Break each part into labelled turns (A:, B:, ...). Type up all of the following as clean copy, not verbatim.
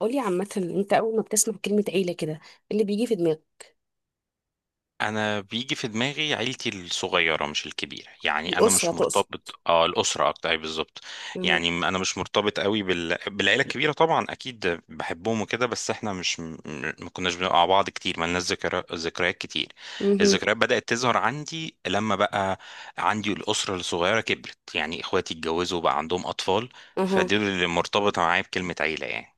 A: قولي، عامة انت اول ما بتسمع كلمة عيلة كده، ايه اللي بيجي في دماغك؟
B: انا بيجي في دماغي عيلتي الصغيره مش الكبيره. يعني انا
A: الأسرة
B: مش
A: تقصد؟
B: مرتبط الاسره اكتر. أي بالظبط.
A: مهم.
B: يعني انا مش مرتبط قوي بالعيله الكبيره، طبعا اكيد بحبهم وكده، بس احنا مش ما كناش بنبقى مع بعض كتير، ما لناش ذكريات كتير.
A: مهم.
B: الذكريات بدات تظهر عندي لما بقى عندي الاسره الصغيره كبرت، يعني اخواتي اتجوزوا وبقى عندهم اطفال.
A: اها.
B: فدول اللي مرتبطه معايا بكلمه عيله يعني.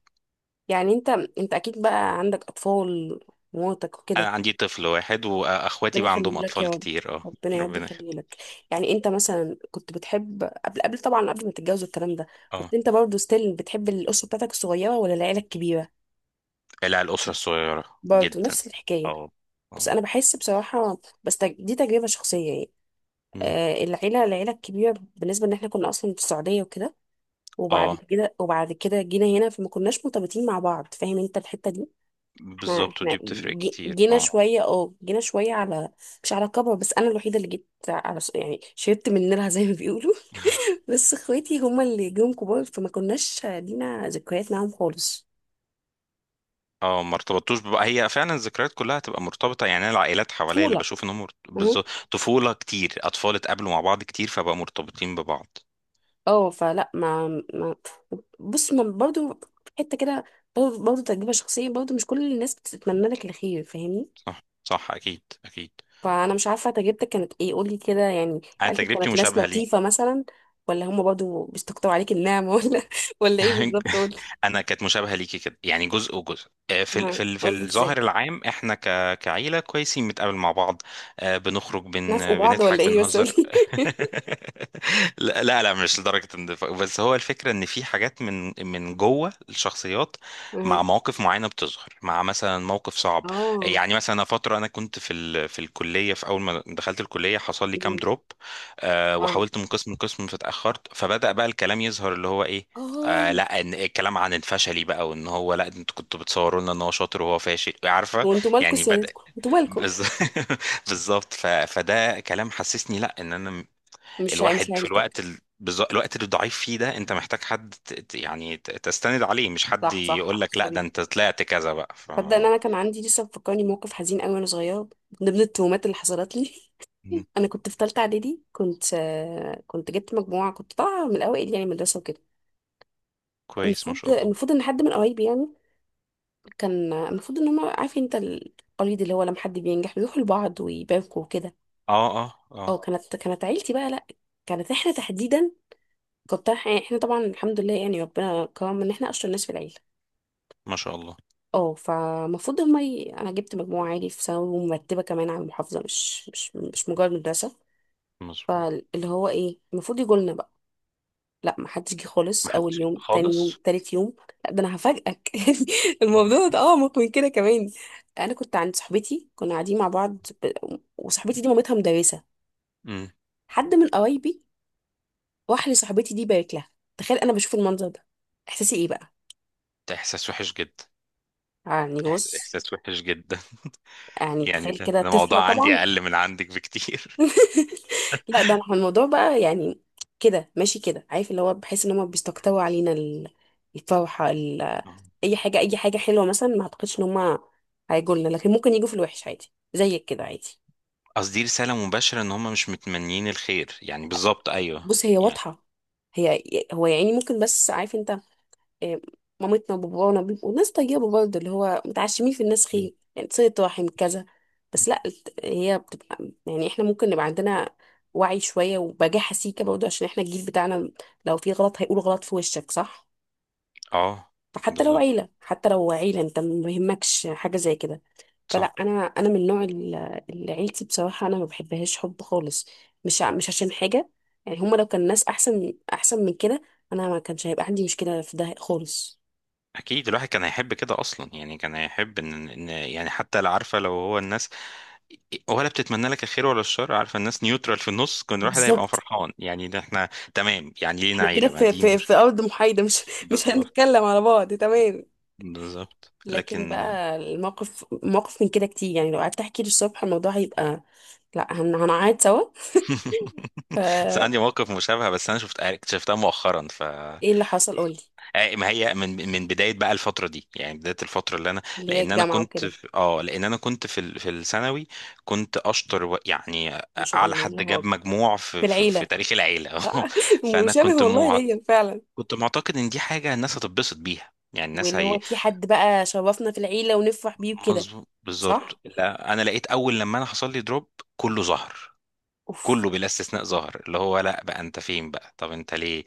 A: يعني انت اكيد بقى عندك اطفال، ومراتك
B: انا
A: وكده؟
B: عندي طفل واحد واخواتي
A: ربنا
B: بقى عندهم
A: يخليه لك يا
B: اطفال
A: رب.
B: كتير، اه.
A: ربنا يا رب
B: ربنا
A: يخليه
B: يخليك.
A: لك. يعني انت مثلا كنت بتحب قبل طبعا، قبل ما تتجوز الكلام ده،
B: اه،
A: كنت انت برضو ستيل بتحب الأسرة بتاعتك الصغيرة ولا العيلة الكبيرة؟
B: لا، الأسرة الصغيرة
A: برضو
B: جدا.
A: نفس الحكاية؟
B: اه.
A: بس
B: اه.
A: انا بحس بصراحة، بس دي تجربة شخصية يعني.
B: مم.
A: العيلة الكبيرة، بالنسبة ان احنا كنا اصلا في السعودية وكده، وبعد
B: اه،
A: كده وبعد كده جينا هنا، فما كناش مرتبطين مع بعض، فاهم انت الحتة دي. احنا
B: بالظبط،
A: احنا
B: ودي بتفرق
A: جي-
B: كتير،
A: جينا
B: اه.
A: شوية جينا شوية على مش على كبر، بس انا الوحيدة اللي جيت على يعني شربت من نيرها، زي ما بيقولوا. بس اخواتي هما اللي جم كبار، فما كناش لينا ذكريات معاهم خالص.
B: اه، ما ارتبطتوش بقى، هي فعلا الذكريات كلها تبقى مرتبطة. يعني أنا العائلات حواليا اللي
A: طفولة.
B: بشوف انهم مرت-
A: مهم.
B: بالظبط، طفولة كتير، أطفال اتقابلوا مع بعض كتير فبقى مرتبطين ببعض.
A: اه فلا ما بص، ما برضه حتة كده، برضه تجربة شخصية، برضه مش كل الناس بتتمنى لك الخير، فاهمني.
B: صح، صح، أكيد، أكيد.
A: فانا مش عارفه تجربتك كانت ايه، قولي كده، يعني
B: أنا
A: عيلتك
B: تجربتي
A: كانت ناس
B: مشابهة ليك.
A: لطيفه مثلا، ولا هم برضو بيستكتروا عليك النعمه، ولا ولا ايه بالظبط، قولي.
B: انا كانت مشابهه ليكي كده، يعني جزء وجزء، في
A: ها
B: في
A: قولي
B: الظاهر
A: ازاي.
B: العام احنا كعيله كويسين بنتقابل مع بعض. بنخرج،
A: نافقوا بعض
B: بنضحك
A: ولا ايه، بس
B: بنهزر.
A: قولي.
B: لا لا لا، مش لدرجه النفاق، بس هو الفكره ان في حاجات من جوه الشخصيات،
A: ها.
B: مع مواقف معينه بتظهر، مع مثلا موقف صعب.
A: اه.
B: يعني مثلا فتره انا كنت في الكليه، في اول ما دخلت الكليه حصل لي كام
A: مم.
B: دروب.
A: اه.
B: وحاولت من قسم لقسم فاتاخرت، فبدا بقى الكلام يظهر اللي هو ايه. آه،
A: اه.
B: لا، ان الكلام عن الفشلي بقى، وان هو لا انتوا كنتوا بتصوروا لنا ان هو شاطر وهو فاشل، عارفه.
A: وانتوا مالكوا
B: يعني بدأ
A: سيادتكم، انتوا مالكوا.
B: بز- بالظبط. فده كلام حسسني، لا ان انا
A: مش
B: الواحد في
A: عيلتك.
B: الوقت اللي ضعيف فيه ده، انت محتاج حد تستند عليه، مش حد
A: صح،
B: يقول
A: صح
B: لك لا ده انت
A: حبيبي.
B: طلعت كذا بقى ف.
A: تصدق ان انا كان عندي لسه مفكرني موقف حزين قوي وانا صغيره، من ضمن التهمات اللي حصلت لي.
B: مم.
A: انا كنت في ثالثه اعدادي، كنت جبت مجموعه، كنت طالعه من الاوائل يعني، مدرسه وكده.
B: كويس، ما
A: المفروض
B: شاء الله.
A: المفروض ان حد من قرايبي يعني، كان المفروض ان هم، عارف انت القريد اللي هو لما حد بينجح بيروحوا لبعض ويباركوا وكده.
B: اه. اه.
A: اه،
B: اه.
A: كانت عيلتي بقى لا، كانت احنا تحديدا، كنت احنا طبعا الحمد لله، يعني ربنا كرم ان احنا اشطر ناس في العيله.
B: ما شاء الله.
A: اه، فالمفروض هم انا جبت مجموعه عالي في ثانوي ومرتبه كمان على المحافظه، مش مجرد مدرسه.
B: مظبوط.
A: فاللي هو ايه، المفروض يجوا لنا بقى. لا ما حدش جه خالص،
B: ما
A: اول
B: حدش
A: يوم، تاني يوم،
B: خالص.
A: تالت يوم. لا ده انا هفاجئك، يعني الموضوع ده اعمق من كده كمان. انا كنت عند صاحبتي، كنا قاعدين مع بعض، ب... وصاحبتي دي مامتها مدرسه،
B: امم
A: حد من قرايبي راح لصاحبتي دي بارك لها. تخيل انا بشوف المنظر ده، احساسي ايه بقى؟
B: ده احساس وحش جدا.
A: يعني بص،
B: احساس وحش جدا.
A: يعني
B: يعني
A: تخيل
B: ده،
A: كده،
B: ده
A: طفله
B: موضوع عندي
A: طبعا.
B: اقل من عندك بكتير.
A: لا ده احنا الموضوع بقى يعني، كده ماشي كده، عارف اللي هو بحس ان هم بيستقطبوا علينا الفرحه.
B: آه.
A: اي حاجه، اي حاجه حلوه مثلا، ما اعتقدش ان هم هيجوا لنا، لكن ممكن يجوا في الوحش عادي زيك كده، عادي.
B: قصدي رسالة مباشرة ان هم مش متمنيين الخير، يعني بالظبط، ايوه
A: بص، هي
B: يعني.
A: واضحه، هي، هو يعني ممكن، بس عارف انت، آه، مامتنا وبابانا بيبقوا ناس طيبة برضه، اللي هو متعشمين في الناس
B: مم.
A: خير، يعني صلة رحم كذا. بس لا هي بتبقى يعني، احنا ممكن نبقى عندنا وعي شوية، وبجاحة سيكة برضه، عشان احنا الجيل بتاعنا، لو في غلط هيقول غلط في وشك، صح.
B: اه.
A: فحتى لو
B: بالظبط.
A: عيلة، حتى لو عيلة، انت ما يهمكش حاجة زي كده.
B: صح.
A: فلا، انا من نوع. اللي عيلتي بصراحة انا ما بحبهاش حب خالص، مش عشان حاجة، يعني هما لو كان ناس احسن، احسن من كده، انا ما كانش هيبقى عندي مشكلة في ده خالص.
B: اكيد الواحد كان هيحب كده اصلا، يعني كان هيحب إن يعني، حتى لو عارفة لو هو الناس ولا بتتمنى لك الخير ولا الشر، عارفة الناس نيوترال في النص، كان الواحد هيبقى
A: بالظبط.
B: فرحان. يعني ده احنا تمام، يعني لينا
A: احنا كده
B: عيلة، ما
A: في
B: دي
A: في
B: مش
A: في ارض محايده، مش مش
B: بالظبط،
A: هنتكلم على بعض، تمام.
B: بالظبط
A: لكن
B: لكن.
A: بقى الموقف، موقف من كده كتير، يعني لو قعدت احكي للصبح الموضوع هيبقى، لا هنقعد سوا.
B: بس
A: فا
B: عندي موقف مشابه، بس انا شفت اكتشفتها مؤخرا ف.
A: ايه اللي حصل، قولي.
B: آه، ما هي من بدايه بقى الفتره دي، يعني بدايه الفتره اللي انا.
A: اللي هي الجامعه وكده؟
B: لان انا كنت في ال- في الثانوي. كنت اشطر يعني
A: ما شاء
B: اعلى
A: الله،
B: حد
A: الله
B: جاب
A: اكبر.
B: مجموع
A: في
B: في
A: العيله.
B: تاريخ العيله.
A: صح؟
B: فانا
A: مشابه
B: كنت
A: والله
B: مع...
A: ليا فعلا.
B: كنت معتقد ان دي حاجه الناس هتتبسط بيها، يعني الناس
A: واللي هو
B: هي.
A: في حد بقى شرفنا في العيله ونفرح بيه وكده.
B: مظبوط بالظبط.
A: صح.
B: لا انا لقيت اول لما انا حصل لي دروب، كله ظهر،
A: اوف،
B: كله بلا استثناء ظهر، اللي هو لا، بقى انت فين بقى؟ طب انت ليه؟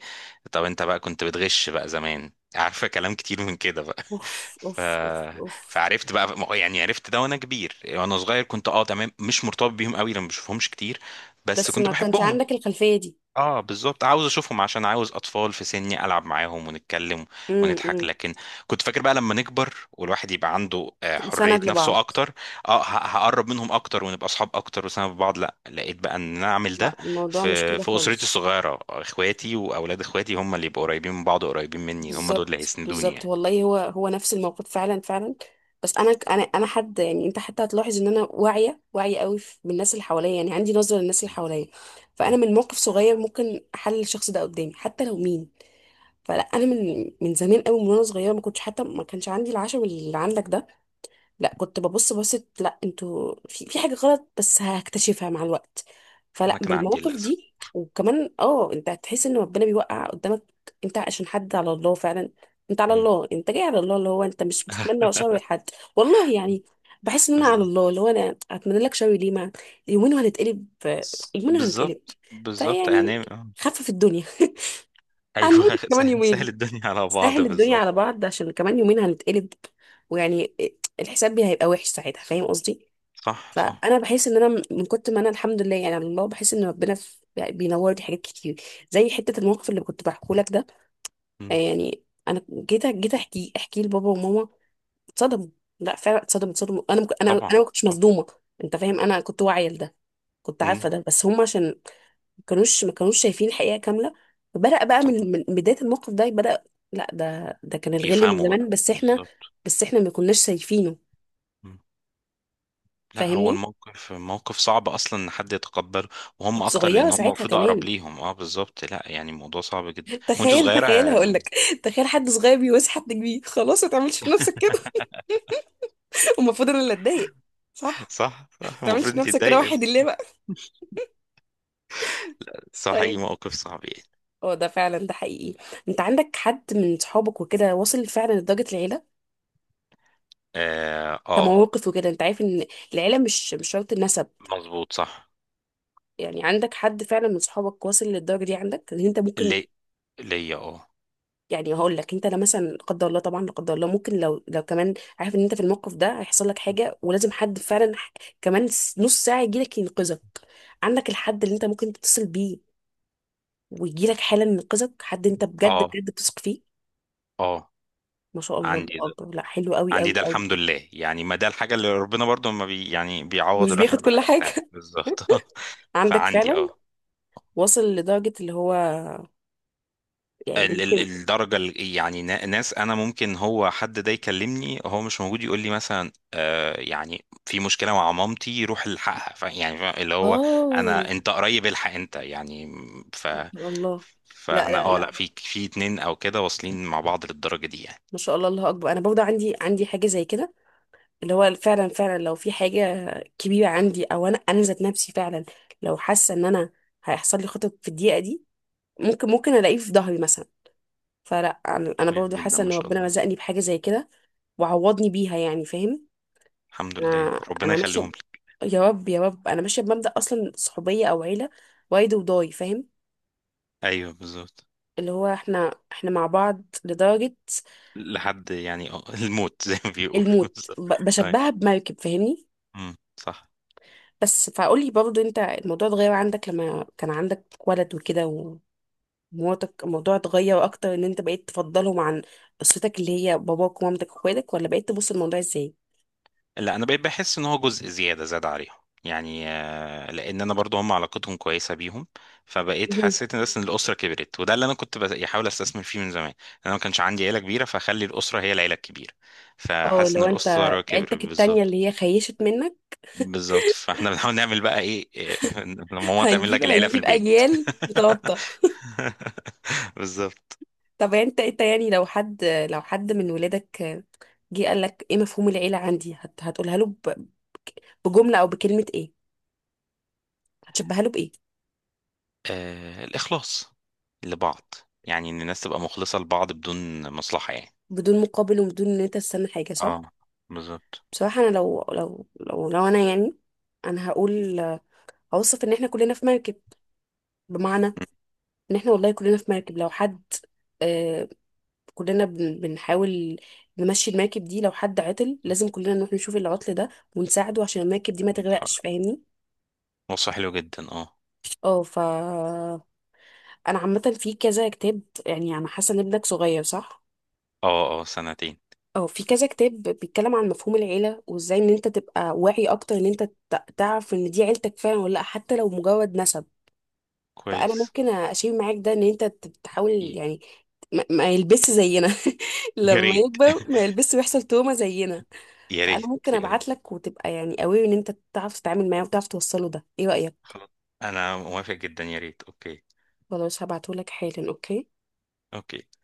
B: طب انت بقى كنت بتغش بقى زمان؟ عارفه كلام كتير من كده بقى.
A: اوف، اوف، اوف، اوف.
B: فعرفت بقى، ما هو، يعني عرفت ده وانا كبير، وانا صغير كنت اه تمام مش مرتبط بيهم قوي، لما بشوفهمش كتير، بس
A: بس
B: كنت
A: ما كانش
B: بحبهم.
A: عندك الخلفيه دي.
B: اه، بالظبط، عاوز اشوفهم عشان عاوز اطفال في سني العب معاهم ونتكلم
A: امم،
B: ونضحك،
A: امم.
B: لكن كنت فاكر بقى لما نكبر والواحد يبقى عنده حرية
A: سند
B: نفسه
A: لبعض.
B: اكتر، هقرب منهم اكتر ونبقى اصحاب اكتر وسنة بعض. لا لقيت بقى ان انا اعمل ده
A: لا، الموضوع مش
B: في
A: كده
B: في اسرتي
A: خالص.
B: الصغيرة، اخواتي واولاد اخواتي هم اللي يبقوا قريبين من بعض وقريبين مني، هم دول اللي
A: بالظبط،
B: هيسندوني
A: بالظبط
B: يعني.
A: والله، هو هو نفس الموقف، فعلا فعلا. بس انا حد، يعني انت حتى هتلاحظ ان انا واعيه، واعيه قوي بالناس اللي حواليا، يعني عندي نظره للناس اللي
B: م-
A: حواليا. فانا
B: م.
A: من موقف صغير ممكن احلل الشخص ده قدامي، حتى لو مين. فلا انا من زمان قوي، وانا صغيره ما كنتش، حتى ما كانش عندي العشم اللي عندك ده. لا كنت ببص بصت، لا انتوا في حاجة غلط بس هكتشفها مع الوقت. فلا
B: انا كان عندي
A: بالمواقف
B: للاسف،
A: دي، وكمان انت هتحس ان ربنا بيوقع قدامك. انت عشان حد على الله فعلا، انت على الله، انت جاي على الله، اللي هو انت مش بتتمنى شر لحد، والله يعني. بحس ان انا على
B: بالظبط
A: الله، اللي هو انا اتمنى لك شر ليه، ما، يومين وهنتقلب. يومين وهنتقلب.
B: بالظبط. بالظبط.
A: فيعني،
B: يعني آه.
A: خفف الدنيا.
B: ايوه.
A: هنموت كمان
B: سهل، سهل
A: يومين.
B: الدنيا على بعض،
A: سهل الدنيا
B: بالظبط.
A: على بعض، عشان كمان يومين هنتقلب. ويعني الحساب بي هيبقى وحش ساعتها، فاهم قصدي.
B: صح، صح.
A: فانا بحس ان انا من كنت، ما انا الحمد لله يعني، على الله بحس ان ربنا بينور لي حاجات كتير، زي حته الموقف اللي كنت بحكيه لك ده.
B: مم.
A: يعني انا جيت احكي لبابا وماما، اتصدموا. لا فعلا اتصدموا، اتصدموا. انا انا
B: طبعا.
A: ما كنتش
B: طب.
A: مصدومه. انت فاهم، انا كنت واعيه لده، كنت عارفه
B: مم.
A: ده، بس هم عشان ما كانوش شايفين الحقيقه كامله. فبدأ بقى
B: طبعا،
A: من بدايه الموقف ده بدأ. لا ده كان الغل من
B: يفهموا بقى،
A: زمان،
B: بالظبط.
A: بس احنا ما كناش شايفينه،
B: مم. لا هو
A: فاهمني.
B: الموقف موقف صعب اصلا ان حد يتقبله، وهم
A: كنت
B: اكتر
A: صغيره
B: لان هم
A: ساعتها
B: المفروض اقرب
A: كمان.
B: ليهم، اه بالظبط، لا يعني الموضوع صعب جدا، وانت
A: تخيل
B: صغيره
A: تخيل هقول لك، تخيل حد صغير بيواسي حد كبير، خلاص ما تعملش في نفسك كده. المفروض انا اللي اتضايق. صح.
B: صح،
A: ما
B: صح،
A: تعملش
B: المفروض
A: في
B: انت
A: نفسك كده،
B: تضايق.
A: واحد اللي بقى.
B: صح، اي
A: طيب،
B: موقف صعب يعني.
A: اه ده فعلا، ده حقيقي، انت عندك حد من صحابك وكده واصل فعلا لدرجه العيله،
B: اه. آه.
A: كمواقف وكده، انت عارف ان العيله مش شرط النسب.
B: مظبوط. صح.
A: يعني عندك حد فعلا من صحابك واصل للدرجه دي، عندك ان انت ممكن،
B: ليه؟ ليا اه.
A: يعني هقول لك انت، لا مثلا، لا قدر الله طبعا، لا قدر الله ممكن لو كمان عارف ان انت في الموقف ده هيحصل لك حاجه، ولازم حد فعلا كمان نص ساعه يجي لك ينقذك، عندك الحد اللي انت ممكن تتصل بيه، ويجي لك حالا ينقذك، حد انت بجد،
B: اه.
A: بجد بتثق فيه.
B: اه.
A: ما شاء الله، الله
B: عندي ده.
A: اكبر، لا حلو قوي،
B: عندي
A: قوي
B: ده،
A: قوي.
B: الحمد لله، يعني ما ده الحاجة اللي ربنا برضو ما بي، يعني بيعوض
A: مش
B: الواحد
A: بياخد كل
B: بحاجات تانية،
A: حاجه.
B: بالظبط.
A: عندك
B: فعندي
A: فعلا
B: اه
A: واصل لدرجه اللي هو، يعني
B: ال ال
A: ممكن،
B: الدرجة ال- يعني ناس، أنا ممكن هو حد ده يكلمني، هو مش موجود يقول لي مثلا آه، يعني في مشكلة مع مامتي، روح الحقها، يعني اللي هو
A: اه
B: أنا، أنت قريب الحق أنت، يعني ف
A: ما شاء الله. لا،
B: فاحنا
A: لا،
B: اه، لا،
A: لا.
B: في اتنين أو كده واصلين مع بعض للدرجة دي يعني.
A: ما شاء الله، الله اكبر، انا برضه عندي حاجه زي كده، اللي هو فعلا فعلا لو في حاجه كبيره عندي، او انا ذات نفسي فعلا، لو حاسه ان انا هيحصل لي خطط في الدقيقه دي، ممكن الاقيه في ظهري مثلا. فلا انا
B: كويس
A: برضه
B: جدا،
A: حاسه
B: ما
A: ان
B: شاء
A: ربنا
B: الله.
A: رزقني بحاجه زي كده، وعوضني بيها، يعني فاهم.
B: الحمد لله،
A: انا
B: ربنا
A: انا ماشيه
B: يخليهم
A: ب-
B: لي.
A: يا رب، يا رب، انا ماشيه بمبدأ اصلا، صحوبيه او عيله، وايد وضاي، فاهم.
B: أيوه بالظبط.
A: اللي هو احنا مع بعض لدرجه
B: لحد يعني اه الموت زي ما بيقولوا،
A: الموت،
B: بالظبط. اي.
A: بشبهها بمركب، فاهمني.
B: امم. صح.
A: بس فقولي برضو، انت الموضوع اتغير عندك لما كان عندك ولد وكده ومراتك، الموضوع اتغير اكتر ان انت بقيت تفضلهم عن قصتك اللي هي باباك ومامتك واخواتك، ولا بقيت تبص الموضوع ازاي؟
B: لا انا بقيت بحس ان هو جزء زياده زاد عليهم، يعني لان انا برضو هم علاقتهم كويسه بيهم. فبقيت
A: مهم.
B: حسيت ان، بس ان الاسره كبرت، وده اللي انا كنت بحاول استثمر فيه من زمان. انا ما كانش عندي عيله كبيره، فخلي الاسره هي العيله الكبيره.
A: اه،
B: فحاسس ان
A: لو انت
B: الاسره كبرت.
A: عيلتك التانية
B: بالظبط.
A: اللي هي خيشت منك.
B: بالظبط، فاحنا بنحاول نعمل بقى ايه لما ماما تعمل
A: هنجيب
B: لك العيله في
A: هنجيب
B: البيت.
A: اجيال متوطة.
B: بالظبط.
A: طب انت يعني، لو حد من ولادك جه قال لك، ايه مفهوم العيلة عندي، هتقولها له بجملة او بكلمة ايه؟ هتشبهها له بايه؟
B: آه، الإخلاص لبعض، يعني إن الناس تبقى مخلصة لبعض بدون مصلحة يعني.
A: بدون مقابل وبدون ان انت تستنى حاجة، صح.
B: اه، بالظبط.
A: بصراحة أنا، لو أنا يعني، أنا هقول، هوصف إن إحنا كلنا في مركب، بمعنى
B: م-
A: إن إحنا والله كلنا في مركب. لو حد آه كلنا بنحاول نمشي المركب دي، لو حد عطل لازم كلنا نروح نشوف العطل ده ونساعده عشان المركب دي ما تغرقش،
B: اتحرك.
A: فاهمني.
B: نص حلو جدا، اه.
A: اه، أنا عامة في كذا كتاب، يعني أنا حاسة إن ابنك صغير، صح؟
B: اه. اه. سنتين.
A: اه، في كذا كتاب بيتكلم عن مفهوم العيلة، وإزاي إن أنت تبقى واعي أكتر، إن أنت تعرف إن دي عيلتك فعلا ولا لأ، حتى لو مجرد نسب. فانا
B: كويس.
A: ممكن اشيل معاك ده، ان انت تحاول
B: ي-
A: يعني ما يلبسش زينا.
B: يا
A: لما
B: ريت.
A: يكبر ما يلبسش ويحصل توما زينا.
B: يا
A: فانا
B: ريت،
A: ممكن
B: يا ريت.
A: ابعت لك، وتبقى يعني قوي ان انت تعرف تتعامل معاه وتعرف توصله ده، ايه رايك؟
B: خلاص. أنا موافق جدا، يا ريت، أوكي.
A: خلاص هبعته لك حالا، اوكي.
B: أوكي